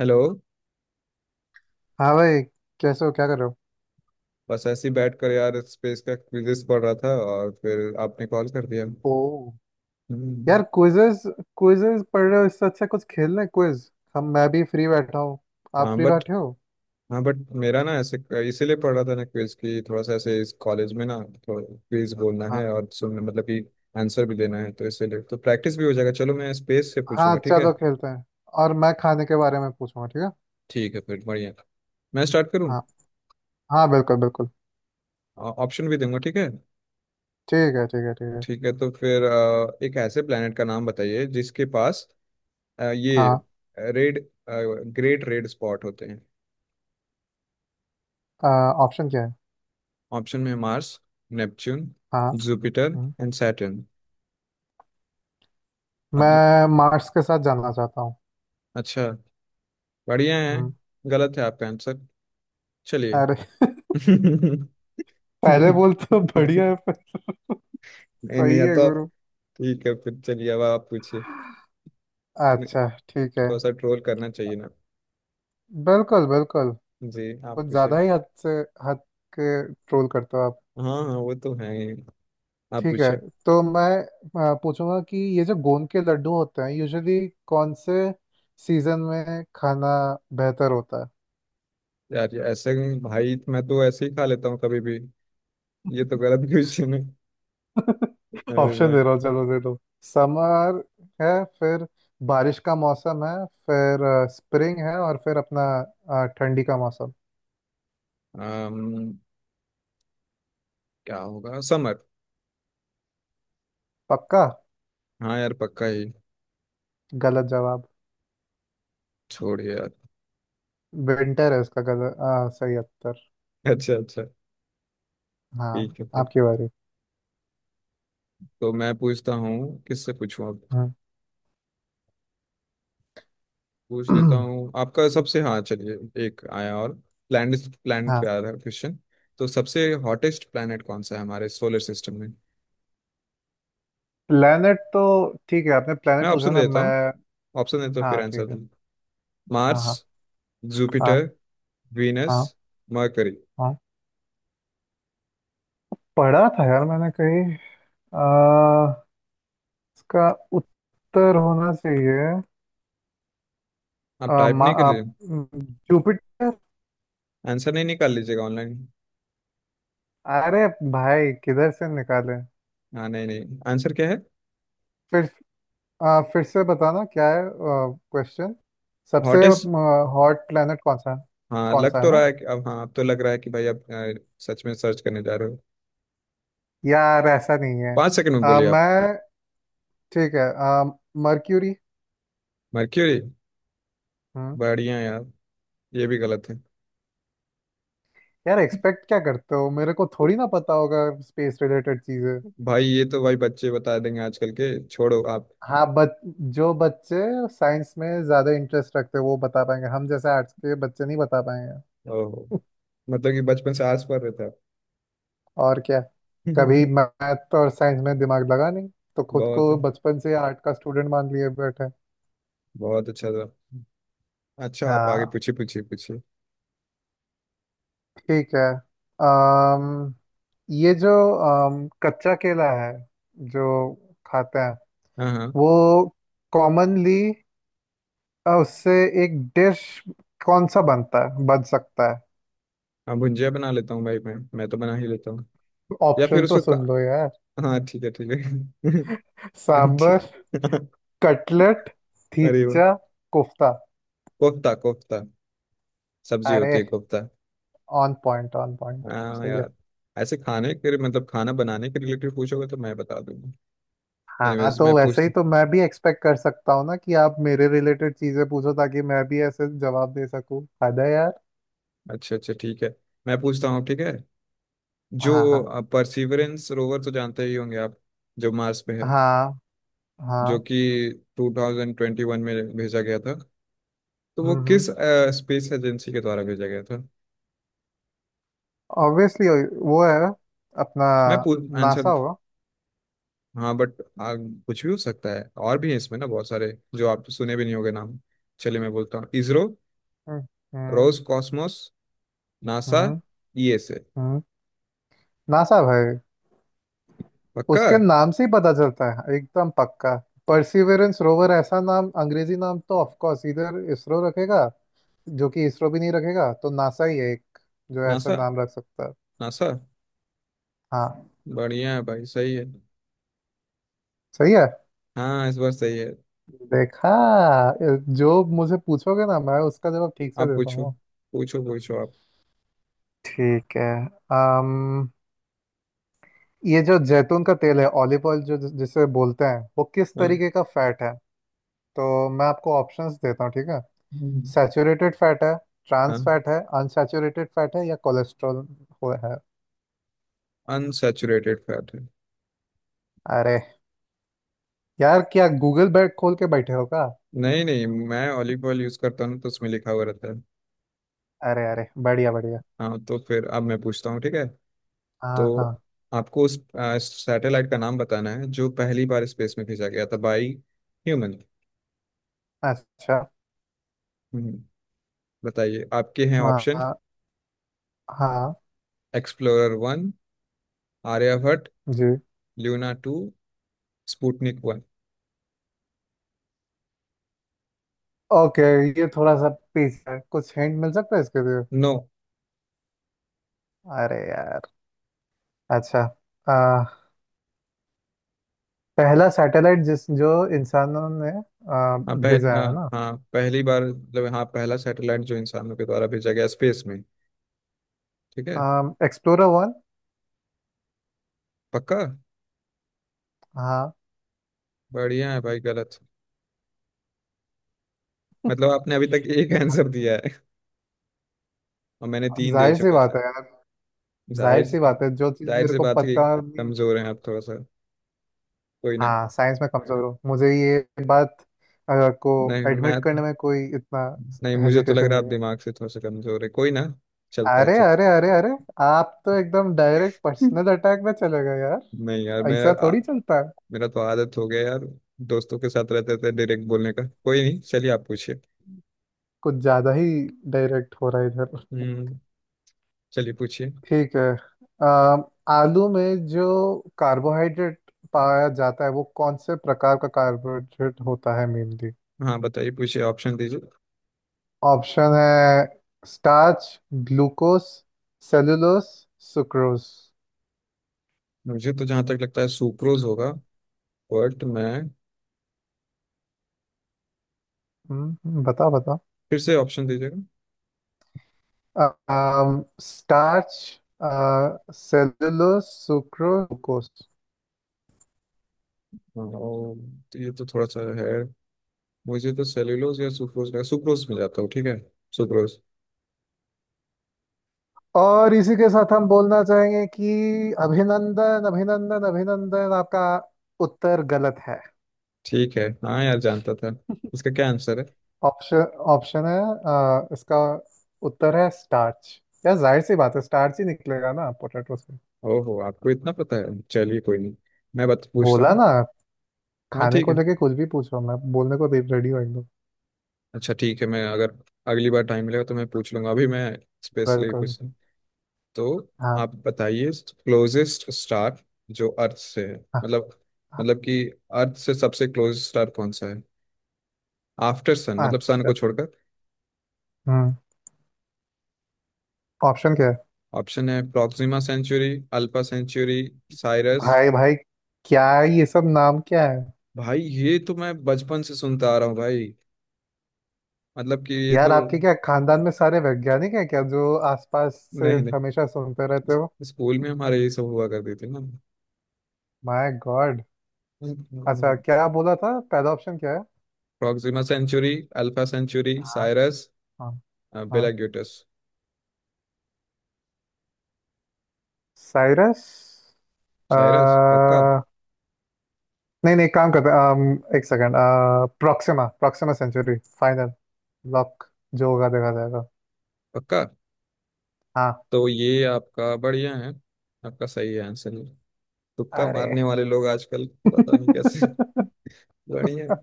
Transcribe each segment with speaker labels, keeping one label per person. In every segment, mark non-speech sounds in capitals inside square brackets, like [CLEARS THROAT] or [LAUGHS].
Speaker 1: Hello.
Speaker 2: हाँ भाई। कैसे हो, क्या कर रहे हो?
Speaker 1: बस ऐसे ही बैठ कर यार स्पेस का क्विजेस पढ़ रहा था और फिर आपने कॉल कर दिया।
Speaker 2: ओ!
Speaker 1: हम्म,
Speaker 2: यार क्विजेस, पढ़ रहे हो? इससे अच्छा कुछ खेल लें क्विज। हम मैं भी फ्री बैठा हूँ, आप
Speaker 1: हाँ
Speaker 2: फ्री
Speaker 1: बट
Speaker 2: बैठे हो?
Speaker 1: हाँ बट मेरा ना ऐसे इसीलिए पढ़ रहा था ना क्विज की, थोड़ा सा ऐसे इस कॉलेज में ना थोड़ा क्विज बोलना है
Speaker 2: हाँ,
Speaker 1: और सुनना, मतलब कि आंसर भी देना है तो इसीलिए तो प्रैक्टिस भी हो जाएगा। चलो मैं स्पेस से
Speaker 2: हाँ
Speaker 1: पूछूंगा, ठीक है।
Speaker 2: चलो खेलते हैं, और मैं खाने के बारे में पूछूंगा ठीक है?
Speaker 1: ठीक है फिर, बढ़िया। मैं स्टार्ट करूँ,
Speaker 2: हाँ, हाँ बिल्कुल बिल्कुल।
Speaker 1: ऑप्शन भी दूंगा ठीक है।
Speaker 2: ठीक है ठीक है ठीक है।
Speaker 1: ठीक है तो फिर एक ऐसे प्लेनेट का नाम बताइए जिसके पास ये
Speaker 2: हाँ
Speaker 1: रेड, ग्रेट रेड स्पॉट होते हैं।
Speaker 2: ऑप्शन क्या है?
Speaker 1: ऑप्शन में मार्स, नेपच्यून,
Speaker 2: हाँ।
Speaker 1: जुपिटर
Speaker 2: हम्म,
Speaker 1: एंड सैटर्न। मतलब
Speaker 2: मैं मार्स के साथ जाना चाहता हूँ।
Speaker 1: अच्छा, बढ़िया है।
Speaker 2: हम्म।
Speaker 1: गलत है आपका आंसर। चलिए,
Speaker 2: अरे [LAUGHS]
Speaker 1: [LAUGHS]
Speaker 2: पहले बोल तो बढ़िया
Speaker 1: नहीं।
Speaker 2: है पर
Speaker 1: नहीं
Speaker 2: सही
Speaker 1: या
Speaker 2: है
Speaker 1: तो आप,
Speaker 2: गुरु।
Speaker 1: ठीक है फिर चलिए अब आप पूछिए। नहीं,
Speaker 2: अच्छा ठीक है।
Speaker 1: थोड़ा सा ट्रोल करना चाहिए ना।
Speaker 2: बिल्कुल बिल्कुल।
Speaker 1: जी, आप
Speaker 2: कुछ
Speaker 1: पूछिए।
Speaker 2: ज्यादा ही हद से हद के ट्रोल करते हो आप।
Speaker 1: हाँ हाँ वो तो है ही। आप
Speaker 2: ठीक है
Speaker 1: पूछिए।
Speaker 2: तो मैं पूछूंगा कि ये जो गोंद के लड्डू होते हैं यूजुअली कौन से सीजन में खाना बेहतर होता है।
Speaker 1: यार ये ऐसे, भाई मैं तो ऐसे ही खा लेता हूँ कभी भी, ये तो गलत क्वेश्चन है।
Speaker 2: [LAUGHS]
Speaker 1: अरे
Speaker 2: ऑप्शन
Speaker 1: भाई,
Speaker 2: दे रहा हूँ, चलो दे दो। समर है, फिर बारिश का मौसम है, फिर स्प्रिंग है, और फिर अपना ठंडी का मौसम।
Speaker 1: अम, क्या होगा, समर।
Speaker 2: पक्का।
Speaker 1: हाँ यार, पक्का ही।
Speaker 2: गलत जवाब।
Speaker 1: छोड़िए यार।
Speaker 2: विंटर है इसका सही उत्तर।
Speaker 1: अच्छा अच्छा।
Speaker 2: हाँ,
Speaker 1: ठीक है फिर,
Speaker 2: आपकी बारी।
Speaker 1: तो मैं पूछता हूँ किससे पूछूं अब।
Speaker 2: हम्म।
Speaker 1: पूछ लेता हूँ
Speaker 2: [CLEARS THROAT]
Speaker 1: आपका सबसे, हाँ चलिए। एक आया, और प्लैनेट प्लैनेट पे
Speaker 2: हाँ
Speaker 1: आया था क्वेश्चन। तो सबसे हॉटेस्ट प्लैनेट कौन सा है हमारे सोलर सिस्टम में?
Speaker 2: प्लेनेट तो, ठीक है आपने
Speaker 1: मैं
Speaker 2: प्लेनेट पूछा
Speaker 1: ऑप्शन
Speaker 2: ना
Speaker 1: देता
Speaker 2: मैं।
Speaker 1: हूँ, ऑप्शन देता हूँ फिर
Speaker 2: हाँ
Speaker 1: आंसर
Speaker 2: ठीक है।
Speaker 1: दूँ।
Speaker 2: हाँ।
Speaker 1: मार्स,
Speaker 2: हाँ। हाँ।
Speaker 1: जुपिटर, वीनस,
Speaker 2: हाँ।
Speaker 1: मरकरी।
Speaker 2: हाँ। पढ़ा था यार मैंने कहीं। आ, इसका उत्तर होना चाहिए
Speaker 1: आप
Speaker 2: आ,
Speaker 1: टाइप
Speaker 2: मा,
Speaker 1: नहीं कर
Speaker 2: आ,
Speaker 1: लीजिए,
Speaker 2: जुपिटर।
Speaker 1: आंसर नहीं निकाल लीजिएगा ऑनलाइन।
Speaker 2: अरे भाई किधर से निकाले?
Speaker 1: हाँ नहीं नहीं, आंसर क्या है?
Speaker 2: फिर फिर से बताना क्या है क्वेश्चन? सबसे
Speaker 1: हॉटेस्ट।
Speaker 2: हॉट प्लेनेट
Speaker 1: हाँ
Speaker 2: कौन सा
Speaker 1: लग
Speaker 2: है
Speaker 1: तो
Speaker 2: ना?
Speaker 1: रहा है कि अब, हाँ अब तो लग रहा है कि भाई आप सच में सर्च करने जा रहे हो।
Speaker 2: यार ऐसा नहीं है।
Speaker 1: पाँच सेकंड में बोलिए आप।
Speaker 2: मैं ठीक है मर्क्यूरी।
Speaker 1: मर्क्यूरी, बढ़िया यार। ये भी गलत है।
Speaker 2: यार एक्सपेक्ट क्या करते हो, मेरे को थोड़ी ना पता होगा स्पेस रिलेटेड चीजें।
Speaker 1: भाई ये तो भाई बच्चे बता देंगे आजकल के, छोड़ो आप।
Speaker 2: हाँ बच जो बच्चे साइंस में ज्यादा इंटरेस्ट रखते हैं वो बता पाएंगे, हम जैसे आर्ट्स के बच्चे नहीं बता पाएंगे।
Speaker 1: ओहो, मतलब कि बचपन से आस पर रहता है।
Speaker 2: [LAUGHS] और क्या। कभी
Speaker 1: [LAUGHS]
Speaker 2: मैथ और साइंस में दिमाग लगा नहीं, तो खुद
Speaker 1: बहुत,
Speaker 2: को बचपन से आर्ट का स्टूडेंट मान लिए बैठे।
Speaker 1: बहुत अच्छा था। अच्छा आप आगे
Speaker 2: हाँ
Speaker 1: पूछिए, पूछिए।
Speaker 2: ठीक है। अम ये जो कच्चा केला है जो खाते हैं
Speaker 1: हाँ हाँ।
Speaker 2: वो कॉमनली, और उससे एक डिश कौन सा बनता है, बन सकता है?
Speaker 1: हाँ भुंजिया बना लेता हूँ भाई, मैं तो बना ही लेता हूँ, या फिर
Speaker 2: ऑप्शन तो
Speaker 1: उसको का...
Speaker 2: सुन लो यार।
Speaker 1: हाँ ठीक है ठीक है। [LAUGHS]
Speaker 2: सांबर,
Speaker 1: ठीक। [LAUGHS]
Speaker 2: कटलेट,
Speaker 1: अरे वो,
Speaker 2: थीचा, कोफ्ता।
Speaker 1: कोफ्ता कोफ्ता, सब्जी
Speaker 2: अरे
Speaker 1: होती है कोफ्ता।
Speaker 2: ऑन पॉइंट
Speaker 1: हाँ
Speaker 2: सही है।
Speaker 1: यार, ऐसे खाने के, मतलब खाना बनाने के रिलेटेड पूछोगे तो मैं बता दूंगा।
Speaker 2: हाँ
Speaker 1: एनीवेज मैं
Speaker 2: तो वैसे ही
Speaker 1: पूछता हूँ।
Speaker 2: तो मैं भी एक्सपेक्ट कर सकता हूँ ना, कि आप मेरे रिलेटेड चीजें पूछो ताकि मैं भी ऐसे जवाब दे सकूँ। हद है यार।
Speaker 1: अच्छा अच्छा ठीक है, मैं पूछता हूँ ठीक है। जो
Speaker 2: हाँ हाँ।
Speaker 1: परसिवरेंस रोवर तो जानते ही होंगे आप, जो मार्स पे है,
Speaker 2: हाँ।
Speaker 1: जो
Speaker 2: हाँ।
Speaker 1: कि 2021 में भेजा गया था, तो वो किस
Speaker 2: हम्म।
Speaker 1: स्पेस एजेंसी के द्वारा भेजा गया था?
Speaker 2: ऑब्वियसली वो है अपना
Speaker 1: मैं
Speaker 2: नासा
Speaker 1: आंसर,
Speaker 2: होगा।
Speaker 1: हाँ बट कुछ भी हो सकता है, और भी है इसमें ना बहुत सारे जो आप सुने भी नहीं होंगे नाम। चलिए मैं बोलता हूँ, इसरो,
Speaker 2: हम्म। हम्म।
Speaker 1: रोज कॉस्मोस, नासा,
Speaker 2: हम्म।
Speaker 1: ईएसए।
Speaker 2: हम्म। नासा भाई,
Speaker 1: पक्का?
Speaker 2: उसके नाम से ही पता चलता है, एकदम पक्का। परसिवरेंस रोवर ऐसा नाम, अंग्रेजी नाम तो ऑफ कोर्स इधर इसरो रखेगा, जो कि इसरो भी नहीं रखेगा, तो नासा ही है एक जो ऐसा
Speaker 1: नासा,
Speaker 2: नाम रख सकता है।
Speaker 1: नासा,
Speaker 2: हाँ।
Speaker 1: बढ़िया है भाई, सही है।
Speaker 2: सही है।
Speaker 1: हाँ इस बार सही है।
Speaker 2: देखा, जो मुझे पूछोगे ना मैं उसका जवाब ठीक से
Speaker 1: आप
Speaker 2: दे
Speaker 1: पूछो,
Speaker 2: पाऊंगा।
Speaker 1: पूछो आप।
Speaker 2: ठीक है। अम ये जो जैतून का तेल है, ऑलिव ऑयल जो जिसे बोलते हैं, वो किस
Speaker 1: हाँ।
Speaker 2: तरीके का फैट है? तो मैं आपको ऑप्शंस देता हूँ ठीक है।
Speaker 1: हम्म,
Speaker 2: सैचुरेटेड फैट है,
Speaker 1: हाँ
Speaker 2: ट्रांस फैट है, अनसैचुरेटेड फैट है, या कोलेस्ट्रॉल हो है।
Speaker 1: अनसैचुरेटेड फैट है।
Speaker 2: अरे यार क्या गूगल बैग खोल के बैठे हो क्या?
Speaker 1: नहीं नहीं, मैं ऑलिव ऑयल यूज करता हूँ ना, तो उसमें लिखा हुआ रहता है।
Speaker 2: अरे अरे बढ़िया बढ़िया।
Speaker 1: हाँ तो फिर अब मैं पूछता हूँ ठीक है। तो
Speaker 2: हाँ हाँ।
Speaker 1: आपको उस सैटेलाइट का नाम बताना है जो पहली बार स्पेस में भेजा गया था बाई ह्यूमन।
Speaker 2: अच्छा।
Speaker 1: हम्म, बताइए, आपके हैं ऑप्शन।
Speaker 2: हाँ। हाँ।
Speaker 1: Explorer one, Aryabhata,
Speaker 2: ji.
Speaker 1: Luna two, Sputnik one.
Speaker 2: Okay. ये थोड़ा सा पीस है, कुछ हिंट मिल सकता है इसके लिए?
Speaker 1: नो।
Speaker 2: अरे यार। अच्छा। आ, पहला सैटेलाइट जिस जो इंसानों ने आ, भेजा है
Speaker 1: हाँ
Speaker 2: ना।
Speaker 1: हाँ पहली बार, मतलब हाँ पहला सैटेलाइट जो इंसानों के द्वारा भेजा गया स्पेस में। ठीक है।
Speaker 2: Explorer one.
Speaker 1: पक्का?
Speaker 2: हाँ।
Speaker 1: बढ़िया है भाई, गलत। मतलब आपने अभी तक एक आंसर दिया है, और मैंने तीन दे
Speaker 2: जाहिर सी
Speaker 1: चुका है
Speaker 2: बात
Speaker 1: सर।
Speaker 2: है यार। जाहिर
Speaker 1: जाहिर
Speaker 2: सी
Speaker 1: सी,
Speaker 2: बात है, जो चीज
Speaker 1: जाहिर
Speaker 2: मेरे
Speaker 1: सी
Speaker 2: को
Speaker 1: बात है कि
Speaker 2: पता नहीं होगी
Speaker 1: कमजोर हैं
Speaker 2: तो-।
Speaker 1: आप थोड़ा सा, कोई ना।
Speaker 2: हाँ साइंस में कमजोर हूँ, मुझे ये बात अ, को
Speaker 1: नहीं
Speaker 2: एडमिट
Speaker 1: मैं तो
Speaker 2: करने में कोई इतना
Speaker 1: नहीं मुझे तो लग
Speaker 2: हेजिटेशन
Speaker 1: रहा है आप
Speaker 2: नहीं है।
Speaker 1: दिमाग से थोड़ा सा कमजोर है, कोई ना। चलता है,
Speaker 2: अरे
Speaker 1: चलता
Speaker 2: अरे अरे अरे। आप तो एकदम डायरेक्ट पर्सनल अटैक में चले गए
Speaker 1: है।
Speaker 2: यार।
Speaker 1: नहीं यार मेरा
Speaker 2: ऐसा थोड़ी चलता है।
Speaker 1: मेरा तो आदत हो गया यार, दोस्तों के साथ रहते थे डायरेक्ट बोलने का, कोई नहीं चलिए आप पूछिए।
Speaker 2: कुछ ज्यादा ही डायरेक्ट हो रहा है इधर।
Speaker 1: हम्म, चलिए पूछिए।
Speaker 2: ठीक है। अम, आलू में जो कार्बोहाइड्रेट पाया जाता है वो कौन से प्रकार का कार्बोहाइड्रेट होता है मेनली?
Speaker 1: हाँ बताइए, पूछिए ऑप्शन दीजिए।
Speaker 2: ऑप्शन है स्टार्च, ग्लूकोस, सेलुलोस, सुक्रोज।
Speaker 1: मुझे तो जहाँ तक लगता है सुक्रोज होगा, बट मैं
Speaker 2: बताओ बताओ।
Speaker 1: फिर से ऑप्शन दीजिए।
Speaker 2: Starch, cellulose, sucrose, glucose.
Speaker 1: हाँ, और ये तो थोड़ा सा है, मुझे तो सेल्यूलोज या सुक्रोज का, सुक्रोज में जाता हूँ ठीक है, सुक्रोज।
Speaker 2: और इसी के साथ हम बोलना चाहेंगे कि अभिनंदन अभिनंदन अभिनंदन। आपका उत्तर गलत है।
Speaker 1: ठीक है हाँ यार, जानता था। इसका क्या आंसर है?
Speaker 2: ऑप्शन, इसका उत्तर है स्टार्च। यार जाहिर सी बात है स्टार्च ही निकलेगा ना पोटैटो से।
Speaker 1: ओहो, आपको इतना पता है, चलिए कोई नहीं। मैं बात पूछता
Speaker 2: बोला
Speaker 1: हूँ।
Speaker 2: ना,
Speaker 1: हाँ
Speaker 2: खाने
Speaker 1: ठीक
Speaker 2: को
Speaker 1: है।
Speaker 2: लेके कुछ भी पूछो मैं बोलने को रेडी हूँ एकदम।
Speaker 1: अच्छा ठीक है, मैं अगर अगली बार टाइम मिलेगा तो मैं पूछ लूंगा, अभी मैं स्पेशली
Speaker 2: बिल्कुल।
Speaker 1: पूछ रहा हूँ, तो
Speaker 2: हाँ।
Speaker 1: आप बताइए। क्लोजेस्ट स्टार जो अर्थ से है,
Speaker 2: हाँ।
Speaker 1: मतलब,
Speaker 2: हाँ।
Speaker 1: मतलब कि अर्थ से सबसे क्लोज स्टार कौन सा है आफ्टर सन, मतलब सन को
Speaker 2: अच्छा।
Speaker 1: छोड़कर।
Speaker 2: हम्म। ऑप्शन क्या है?
Speaker 1: ऑप्शन है Proxima Centauri, Alpha Centauri, Sirius.
Speaker 2: भाई भाई क्या है ये, सब नाम क्या है?
Speaker 1: भाई ये तो मैं बचपन से सुनता आ रहा हूँ भाई, मतलब कि ये तो,
Speaker 2: यार आपके क्या खानदान में सारे वैज्ञानिक हैं क्या जो आसपास से
Speaker 1: नहीं नहीं,
Speaker 2: हमेशा सुनते रहते हो?
Speaker 1: स्कूल में हमारे ये सब हुआ करती थी ना।
Speaker 2: My God. अच्छा क्या बोला था, पहला ऑप्शन क्या है?
Speaker 1: प्रॉक्सिमा सेंचुरी, अल्फा सेंचुरी,
Speaker 2: हाँ।
Speaker 1: साइरस,
Speaker 2: हाँ। हाँ।
Speaker 1: बेलाग्यूटस।
Speaker 2: साइरस। अ,
Speaker 1: साइरस पक्का?
Speaker 2: नहीं नहीं काम करते हैं, एक second, Proxima Proxima Centauri final lock. जो होगा देखा जाएगा।
Speaker 1: पक्का,
Speaker 2: हाँ।
Speaker 1: तो ये आपका बढ़िया है, आपका सही है आंसर। तुक्का
Speaker 2: अरे
Speaker 1: मारने वाले लोग आजकल,
Speaker 2: [LAUGHS]
Speaker 1: पता नहीं कैसे। बढ़िया है।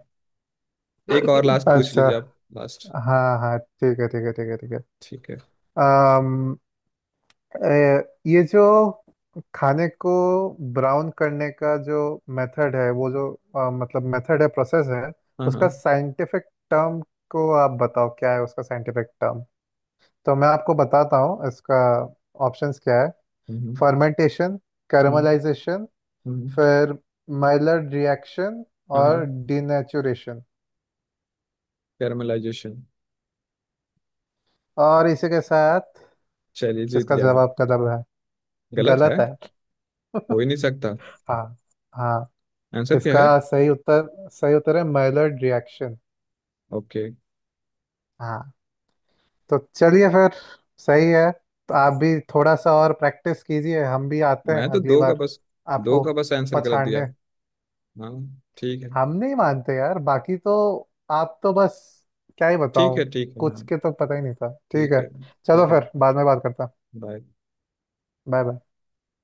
Speaker 1: एक और लास्ट पूछ
Speaker 2: अच्छा।
Speaker 1: लीजिए आप, लास्ट।
Speaker 2: हाँ हाँ ठीक है ठीक है ठीक है ठीक है।
Speaker 1: ठीक है।
Speaker 2: अम, ए, ये जो खाने को ब्राउन करने का जो मेथड है, वो जो मेथड है, प्रोसेस है,
Speaker 1: हाँ हाँ।
Speaker 2: उसका साइंटिफिक टर्म को आप बताओ क्या है उसका साइंटिफिक टर्म। तो मैं आपको बताता हूँ, इसका ऑप्शंस क्या है।
Speaker 1: हम्म। हम्म।
Speaker 2: फर्मेंटेशन,
Speaker 1: हम्म,
Speaker 2: कैरमलाइजेशन,
Speaker 1: हम्म,
Speaker 2: फिर माइलर्ड रिएक्शन,
Speaker 1: हाँ हाँ,
Speaker 2: और डिनेचुरेशन।
Speaker 1: कैरमलाइजेशन।
Speaker 2: और इसी के साथ
Speaker 1: चलिए जीत
Speaker 2: इसका
Speaker 1: गया मैं।
Speaker 2: जवाब कदम है।
Speaker 1: गलत
Speaker 2: गलत
Speaker 1: है?
Speaker 2: है।
Speaker 1: हो
Speaker 2: [LAUGHS]
Speaker 1: ही नहीं सकता।
Speaker 2: हाँ। हाँ।
Speaker 1: आंसर क्या है?
Speaker 2: इसका सही उत्तर, सही उत्तर है माइलर्ड रिएक्शन।
Speaker 1: ओके।
Speaker 2: हाँ। तो चलिए फिर। सही है। तो आप भी थोड़ा सा और प्रैक्टिस कीजिए, हम भी आते हैं
Speaker 1: मैं तो
Speaker 2: अगली
Speaker 1: दो का
Speaker 2: बार
Speaker 1: बस, दो
Speaker 2: आपको
Speaker 1: का बस आंसर गलत दिया।
Speaker 2: पछाड़ने।
Speaker 1: हाँ ठीक है
Speaker 2: हम नहीं मानते यार, बाकी तो आप तो बस क्या ही
Speaker 1: ठीक
Speaker 2: बताऊं।
Speaker 1: है, ठीक है हाँ,
Speaker 2: कुछ के तो पता ही नहीं था ठीक
Speaker 1: ठीक
Speaker 2: है।
Speaker 1: है
Speaker 2: चलो
Speaker 1: ठीक है,
Speaker 2: फिर बाद में बात करता।
Speaker 1: बाय।
Speaker 2: Bye bye.